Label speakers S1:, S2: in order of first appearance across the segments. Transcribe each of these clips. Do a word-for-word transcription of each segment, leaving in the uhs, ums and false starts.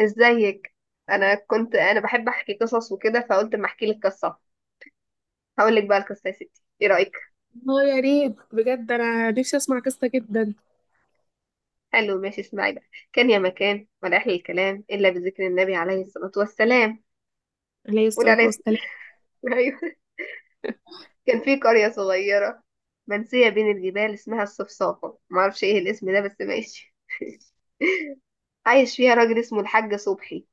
S1: ازيك؟ انا كنت انا بحب احكي قصص وكده، فقلت اما احكي لك قصه. هقول لك بقى القصه يا ستي، ايه رايك؟
S2: اه يا ريت بجد، انا نفسي اسمع قصه جدا.
S1: حلو، ماشي، اسمعي بقى. كان يا مكان، ولا احلى الكلام الا بذكر النبي عليه الصلاه والسلام.
S2: عليه
S1: قول
S2: الصلاه
S1: عليه الصلاه.
S2: والسلام.
S1: ايوه. كان في قريه صغيره منسيه بين الجبال، اسمها الصفصافه. ما اعرفش ايه الاسم ده، بس ماشي. عايش فيها راجل اسمه الحاج صبحي.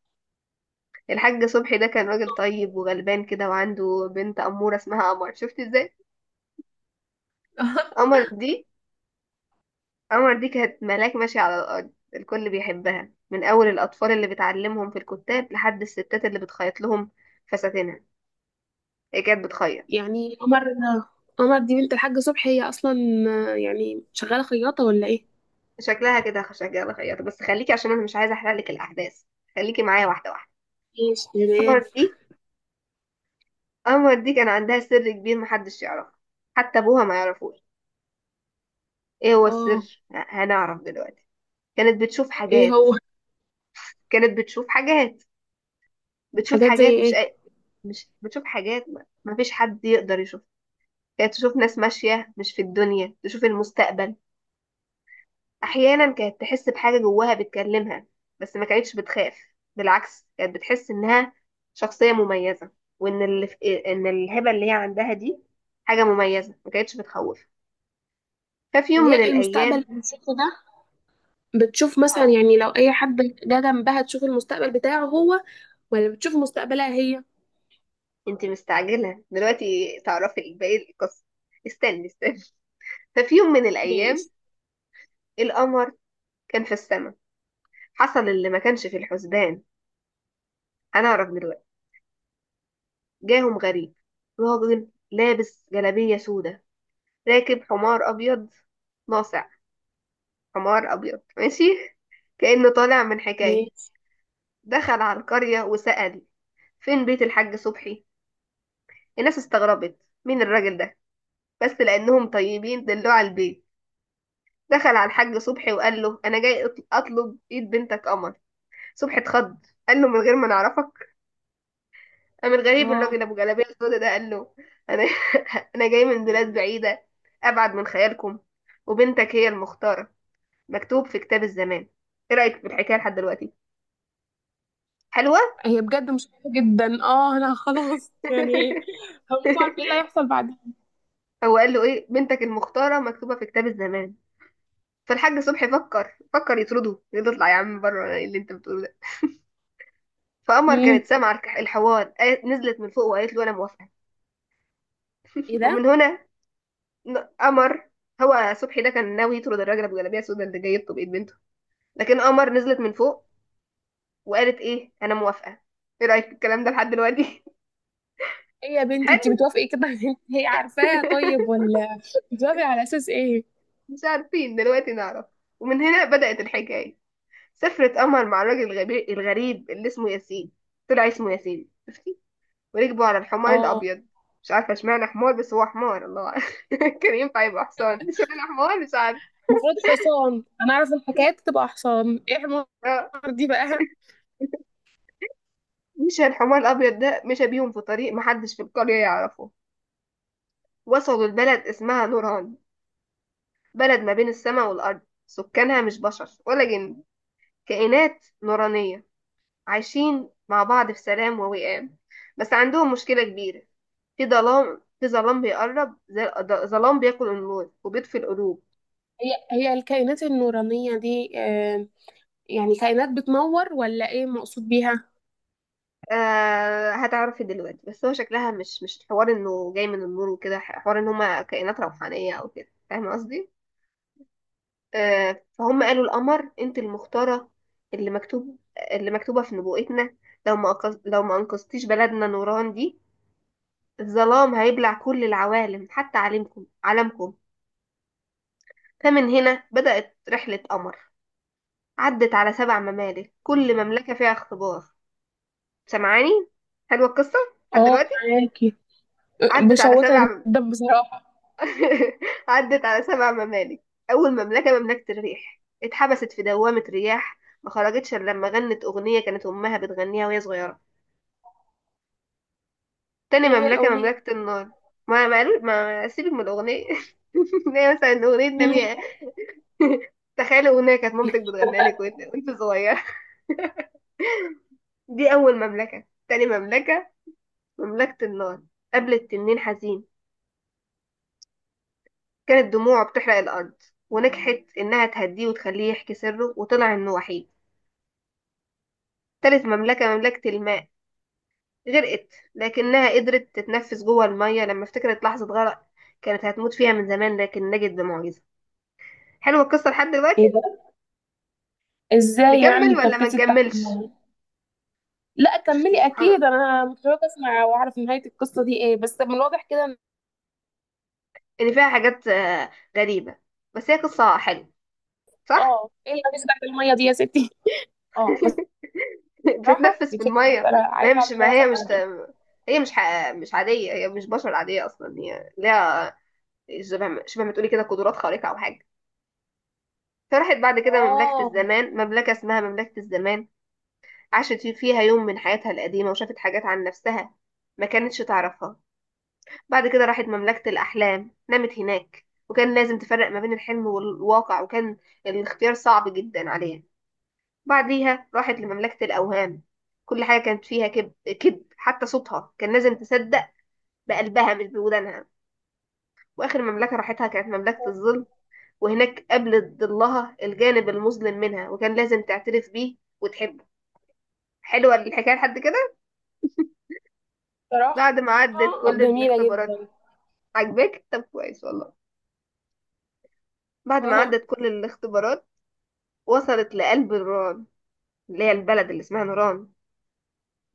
S1: الحاج صبحي ده كان راجل طيب وغلبان كده، وعنده بنت اموره اسمها قمر. شفت ازاي؟ قمر دي عمر دي كانت ملاك ماشية على الأرض، الكل بيحبها، من أول الأطفال اللي بتعلمهم في الكتاب لحد الستات اللي بتخيط لهم فساتينها. هي كانت بتخيط،
S2: يعني قمر، قمر دي بنت الحاج صبحي هي اصلا آه، يعني شغاله خياطه ولا ايه؟
S1: شكلها كده شكلها خياطة، بس خليكي، عشان أنا مش عايزة أحرق لك الأحداث. خليكي معايا واحدة واحدة.
S2: ماشي
S1: قمر
S2: تمام.
S1: دي قمر دي كان عندها سر كبير محدش يعرفه، حتى أبوها ما يعرفوش. إيه هو
S2: اه،
S1: السر؟ ه- هنعرف دلوقتي. كانت بتشوف
S2: ايه
S1: حاجات.
S2: هو؟
S1: كانت بتشوف حاجات. بتشوف
S2: حاجات زي
S1: حاجات مش
S2: ايه؟
S1: أي... مش بتشوف حاجات، ما ما فيش حد يقدر يشوفها. كانت تشوف ناس ماشية مش في الدنيا، تشوف المستقبل. أحيانا كانت تحس بحاجة جواها بتكلمها، بس ما كانتش بتخاف، بالعكس، كانت بتحس إنها شخصية مميزة، وإن اللي في... إن الهبة اللي هي عندها دي حاجة مميزة، ما كانتش بتخوف. ففي
S2: طب
S1: يوم من
S2: هي المستقبل
S1: الأيام،
S2: اللي بتشوفه ده، بتشوف مثلا
S1: اه.
S2: يعني لو اي حد جه جنبها تشوف المستقبل بتاعه هو، ولا بتشوف مستقبلها هي؟
S1: أنت مستعجلة دلوقتي تعرفي باقي القصة. استني استني ففي يوم من
S2: ماشي.
S1: الأيام، القمر كان في السماء، حصل اللي ما كانش في الحسبان. هنعرف دلوقتي. جاهم غريب، راجل لابس جلابية سودة، راكب حمار أبيض ناصع. حمار أبيض، ماشي كأنه طالع من حكاية.
S2: ماشي.
S1: دخل على القرية وسأل، فين بيت الحاج صبحي؟ الناس استغربت، مين الراجل ده؟ بس لأنهم طيبين دلوه على البيت. دخل على الحاج صبحي وقال له، أنا جاي أطل- أطلب إيد بنتك قمر. صبحي اتخض، قال له، من غير ما نعرفك؟ من؟ غريب
S2: اه
S1: الراجل ابو جلابيه السودا ده. قال له، انا، انا جاي من بلاد بعيده، ابعد من خيالكم، وبنتك هي المختاره، مكتوب في كتاب الزمان. ايه رايك في الحكايه لحد دلوقتي؟ حلوه.
S2: هي بجد مشكلة جدا، اه انا خلاص يعني هو مش عارف ايه اللي هيحصل.
S1: هو قال له ايه؟ بنتك المختاره مكتوبه في كتاب الزمان. فالحاج صبحي فكر فكر يطرده، يقول له اطلع يا عم بره، إيه اللي انت بتقوله ده؟ فقمر
S2: بعدين.
S1: كانت سامعه الك- الحوار، قالت- نزلت من فوق وقالت له انا موافقه.
S2: ايه
S1: ومن
S2: ده؟
S1: هنا، ن- قمر. هو صبحي ده كان ناوي يطرد الراجل ابو جلابيه السودا اللي جاي يخطب ايد بنته، لكن قمر نزلت من فوق وقالت ايه؟ انا موافقه. ايه رايك في الكلام ده لحد دلوقتي؟
S2: ايه يا بنتي، انت
S1: حلو.
S2: بتوافقي كده على اللي هي عارفاها؟ طيب ولا بتوافقي على اساس ايه؟
S1: مش عارفين، دلوقتي نعرف. ومن هنا بدات الحكايه. سافرت قمر مع الراجل الغبي- الغريب اللي اسمه ياسين. طلع اسمه ياسين، شفتي. وركبوا على الحمار
S2: اه
S1: الابيض. مش عارفه اشمعنى حمار، بس هو حمار، الله أعلم. كان ينفع يبقى حصان، اشمعنى حمار، مش عارفه.
S2: المفروض حصان، انا اعرف الحكايات تبقى حصان، ايه حمار؟
S1: آه.
S2: دي بقى.
S1: مشى الحمار الابيض ده، مشى بيهم في طريق محدش في القريه يعرفه. وصلوا لبلد اسمها نوران، بلد ما بين السماء والأرض. سكانها مش بشر ولا جن، كائنات نورانية، عايشين مع بعض في سلام ووئام. بس عندهم مشكلة كبيرة، في ظلام، في ظلام بيقرب زي الأض- ظلام بياكل النور وبيطفي القلوب.
S2: هي هي الكائنات النورانية دي آه، يعني كائنات بتنور ولا ايه مقصود بيها؟
S1: آه، هتعرفي دلوقتي، بس هو شكلها مش مش حوار انه جاي من النور وكده، حوار ان هما كائنات روحانية او كده، فاهمة قصدي؟ آه، فهم قالوا القمر، انت المختارة، اللي مكتوب، اللي مكتوبة في نبوءتنا، لو ما أنقذ... لو ما أنقذتيش بلدنا نوران دي، الظلام هيبلع كل العوالم حتى عالمكم. عالمكم. فمن هنا بدأت رحلة قمر. عدت على سبع ممالك، كل مملكة فيها اختبار. سمعاني؟ حلوة القصة لحد
S2: اه،
S1: دلوقتي.
S2: معاكي.
S1: عدت على
S2: مشوقة
S1: سبع
S2: جدا بصراحة.
S1: عدت على سبع ممالك. أول مملكة، مملكة الريح، اتحبست في دوامة رياح، ما خرجتش إلا لما غنت أغنية كانت أمها بتغنيها وهي صغيرة. تاني
S2: ايه هي
S1: مملكة،
S2: الأغنية؟
S1: مملكة النار. ما ما ما سيبك من الأغنية. هي مثلا أغنية
S2: مم.
S1: نامية. تخيلي أغنية كانت مامتك بتغنيها لك وانت وانت صغيرة. دي أول مملكة. تاني مملكة، مملكة النار، قابلت تنين حزين، كانت دموعه بتحرق الأرض، ونجحت إنها تهديه وتخليه يحكي سره، وطلع إنه وحيد. تالت مملكة، مملكة الماء، غرقت، لكنها قدرت تتنفس جوه المية لما افتكرت لحظة غرق كانت هتموت فيها من زمان، لكن نجت بمعجزة. حلوة القصة لحد دلوقتي؟
S2: ايه ده؟ ازاي يعني
S1: نكمل ولا ما
S2: اتنفست تحت
S1: نكملش؟
S2: المية؟ لا
S1: شفتي
S2: كملي،
S1: سبحان الله،
S2: اكيد انا متشوقة اسمع واعرف نهاية القصة دي ايه، بس من الواضح كده.
S1: إن فيها حاجات، آه، غريبة، بس هي قصة حلوة، صح؟
S2: اه، ايه اللي بتاعت الميه دي يا ستي؟ اه. بصراحه
S1: بتتنفس في
S2: بتحبي،
S1: الميه.
S2: فانا
S1: ما هي
S2: عايزه
S1: مش ما
S2: اعملها
S1: هي مش
S2: فعلا.
S1: هي مش ح- مش عاديه، هي مش بشر عاديه اصلا، هي ليها شبه ما- شبه ما تقولي كده قدرات خارقه او حاجه. فراحت بعد كده مملكه
S2: اه.
S1: الزمان، مملكه اسمها مملكه الزمان، عاشت في- فيها يوم من حياتها القديمه، وشافت حاجات عن نفسها ما كانتش تعرفها. بعد كده راحت مملكه الاحلام، نامت هناك وكان لازم تفرق ما بين الحلم والواقع، وكان الاختيار صعب جدا عليها. بعديها راحت لمملكة الأوهام، كل حاجة كانت فيها كذب، كذب، حتى صوتها كان لازم تصدق بقلبها مش بودانها. وآخر مملكة راحتها كانت مملكة الظل، وهناك قابلت ضلها، الجانب المظلم منها، وكان لازم تعترف بيه وتحبه. حلوة الحكاية لحد كده؟
S2: بصراحه
S1: بعد ما عدت كل
S2: جميله
S1: الاختبارات،
S2: جدا.
S1: عجبك؟ طب كويس والله. بعد ما
S2: اه.
S1: عدت كل الاختبارات وصلت لقلب نوران، اللي هي البلد اللي اسمها نوران.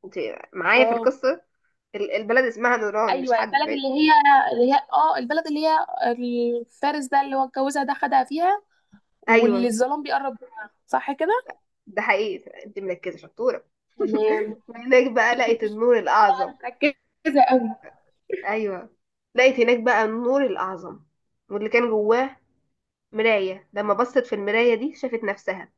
S1: انت معايا في
S2: اه.
S1: القصة؟ ال- البلد اسمها نوران، مش
S2: ايوه
S1: حد
S2: البلد اللي
S1: بعيد.
S2: هي، اللي هي اه البلد اللي هي، الفارس ده اللي هو اتجوزها ده خدها فيها، واللي
S1: ايوه.
S2: الظلام بيقرب منها، صح كده؟
S1: ده حقيقي، انت مركزة، شطورة.
S2: تمام.
S1: وهناك بقى لقيت النور الأعظم.
S2: مركزه قوي.
S1: أيوة. لقيت هناك بقى النور الأعظم، واللي كان جواه مراية. لما بصت في المراية دي شافت نفسها.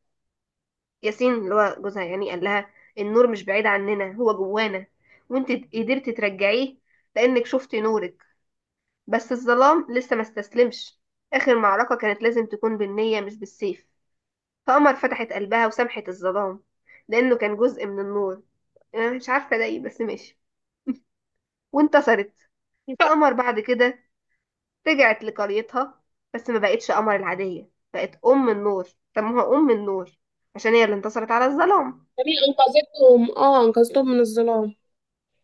S1: ياسين اللي هو جوزها يعني قال لها، النور مش بعيد عننا، هو جوانا، وانت قدرت ترجعيه لأنك شفتي نورك. بس الظلام لسه ما استسلمش. آخر معركة كانت لازم تكون بالنية مش بالسيف. فقمر فتحت قلبها وسامحت الظلام، لأنه كان جزء من النور. أنا مش عارفة ده ايه بس ماشي. وانتصرت. فقمر بعد كده رجعت لقريتها، بس ما بقتش قمر العادية، بقت أم النور. سموها أم النور، عشان هي اللي انتصرت على الظلام.
S2: جميل، انقذتهم، اه انقذتهم من الظلام.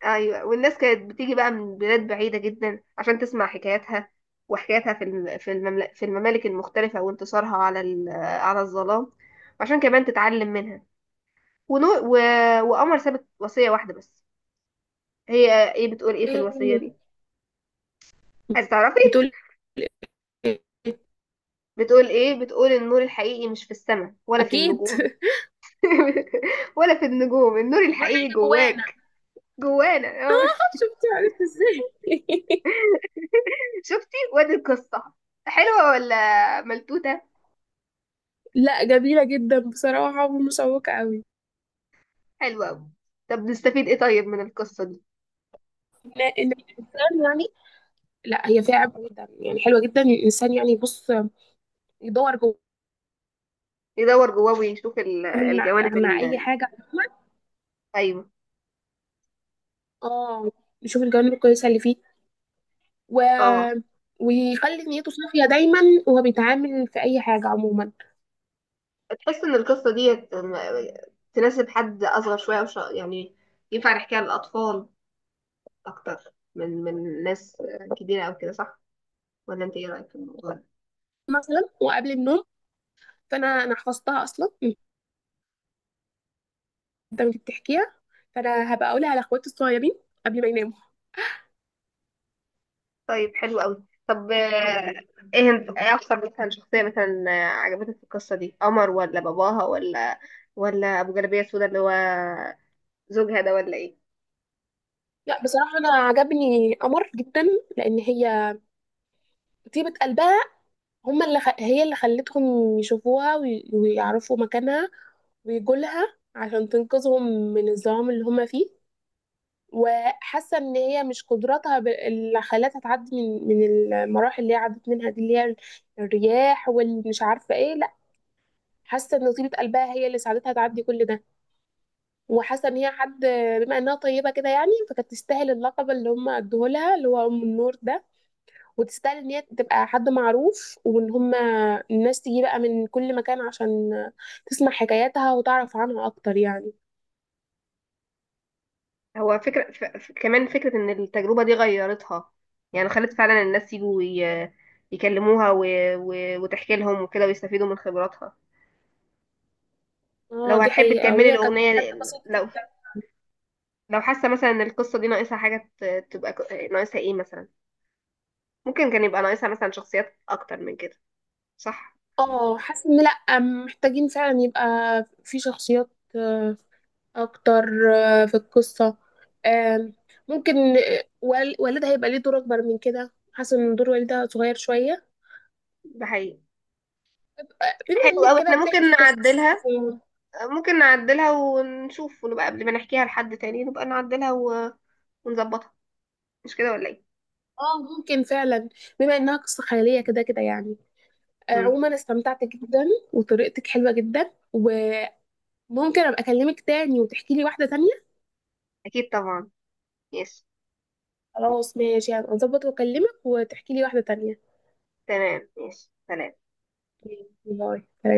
S1: أيوة. والناس كانت بتيجي بقى من بلاد بعيدة جدا عشان تسمع حكاياتها، وحكاياتها في الم- في الممل- في الممالك المختلفة، وانتصارها على ال- على الظلام، وعشان كمان تتعلم منها. ونور و... وقمر سابت وصية واحدة بس. هي ايه؟ بتقول ايه في
S2: ايه
S1: الوصية
S2: هي؟
S1: دي؟ عايزة تعرفي؟
S2: بتقول، ايه؟
S1: بتقول ايه؟ بتقول النور الحقيقي مش في السماء ولا في
S2: اكيد.
S1: النجوم. ولا في النجوم، النور
S2: نور حي
S1: الحقيقي
S2: جوانا.
S1: جواك، جوانا. آه.
S2: شفتي عرفت ازاي؟
S1: شفتي؟ وادي القصة، حلوة ولا ملتوتة؟
S2: لا جميلة جدا بصراحة، ومشوقة قوي.
S1: حلوة أوي. طب نستفيد ايه طيب من القصة دي؟
S2: إن إن الإنسان يعني، لا هي فيها عبء جدا يعني، حلوة جدا. الإنسان يعني يبص يدور جوه،
S1: يدور جواه، ويشوف ال-
S2: يعمل مع,
S1: الجوانب
S2: مع أي
S1: ال-
S2: حاجة عموما.
S1: أيوة،
S2: اه. يشوف الجوانب الكويسة اللي فيه، و...
S1: اه.
S2: ويخلي نيته صافية دايما وهو بيتعامل في أي حاجة عموما.
S1: تحس ان القصة دي تناسب حد أصغر شوية، وش... يعني ينفع نحكيها للأطفال أكتر من من ناس كبيرة أو كده، صح؟ ولا أنت ايه رأيك في الموضوع ده؟
S2: مثلا وقبل النوم، فأنا أنا حفظتها أصلا من، أنت بتحكيها، فأنا هبقى أقولها لأخواتي الصغيرين قبل ما يناموا.
S1: طيب، حلو قوي. طب، آه، ايه، ايه اكتر مثلا شخصية مثلا، آه، عجبتك في القصة دي؟ قمر ولا باباها ولا ولا ابو جلابية سودا اللي هو زوجها ده، ولا ايه؟
S2: لا بصراحة أنا عجبني قمر جدا، لأن هي طيبة قلبها. هما اللي خ... هي اللي خلتهم يشوفوها، وي... ويعرفوا مكانها، ويجوا لها عشان تنقذهم من الظلام اللي هما فيه. وحاسة إن هي مش قدراتها ب... اللي خلتها تعدي من من المراحل اللي هي عدت منها دي، اللي هي الرياح والمش عارفة إيه، لا حاسة إن طيبة قلبها هي اللي ساعدتها تعدي كل ده. وحاسة إن هي حد، بما إنها طيبة كده يعني، فكانت تستاهل اللقب اللي هما ادوه لها اللي هو أم النور ده. وتستاهل ان هي تبقى حد معروف، وان هما الناس تيجي بقى من كل مكان عشان تسمع حكاياتها وتعرف عنها اكتر يعني.
S1: هو فكرة ف... ف- كمان فكرة ان التجربة دي غيرتها، يعني خلت فعلا الناس يجوا ي... يكلموها و... و... وتحكي لهم وكده ويستفيدوا من خبراتها.
S2: اه
S1: لو
S2: دي
S1: هتحب
S2: حقيقة،
S1: تكملي
S2: وهي كانت
S1: الأغنية،
S2: حد بسيط
S1: لو،
S2: جدا.
S1: لو حاسة مثلا ان القصة دي ناقصها حاجة ت- تبقى ك- ناقصها ايه مثلا؟ ممكن كان يبقى ناقصها مثلا شخصيات اكتر من كده، صح؟
S2: اه حاسة ان لأ محتاجين فعلا يبقى في شخصيات آه، اكتر آه، في القصة آم، ممكن آه، وال- والدها يبقى ليه دور اكبر من كده، حاسة ان دور والدها صغير شوية.
S1: ده حقيقي.
S2: آه، بما
S1: حلو
S2: انك
S1: قوي،
S2: كده
S1: احنا ممكن
S2: بتحكي قصص.
S1: نعدلها. ممكن نعدلها ونشوف، ونبقى قبل ما نحكيها لحد تاني نبقى نعدلها و... ونظبطها، مش كده ولا ايه؟
S2: اه ممكن فعلا، بما انها قصة خيالية كده كده يعني. آه،
S1: مم.
S2: عموما استمتعت جدا، وطريقتك حلوة جدا، وممكن ابقى اكلمك تاني وتحكي لي واحدة تانية.
S1: اكيد طبعا. يس.
S2: خلاص ماشي، هبقى اظبط واكلمك وتحكي لي واحدة تانية.
S1: تمام، يس، سلام.
S2: باي.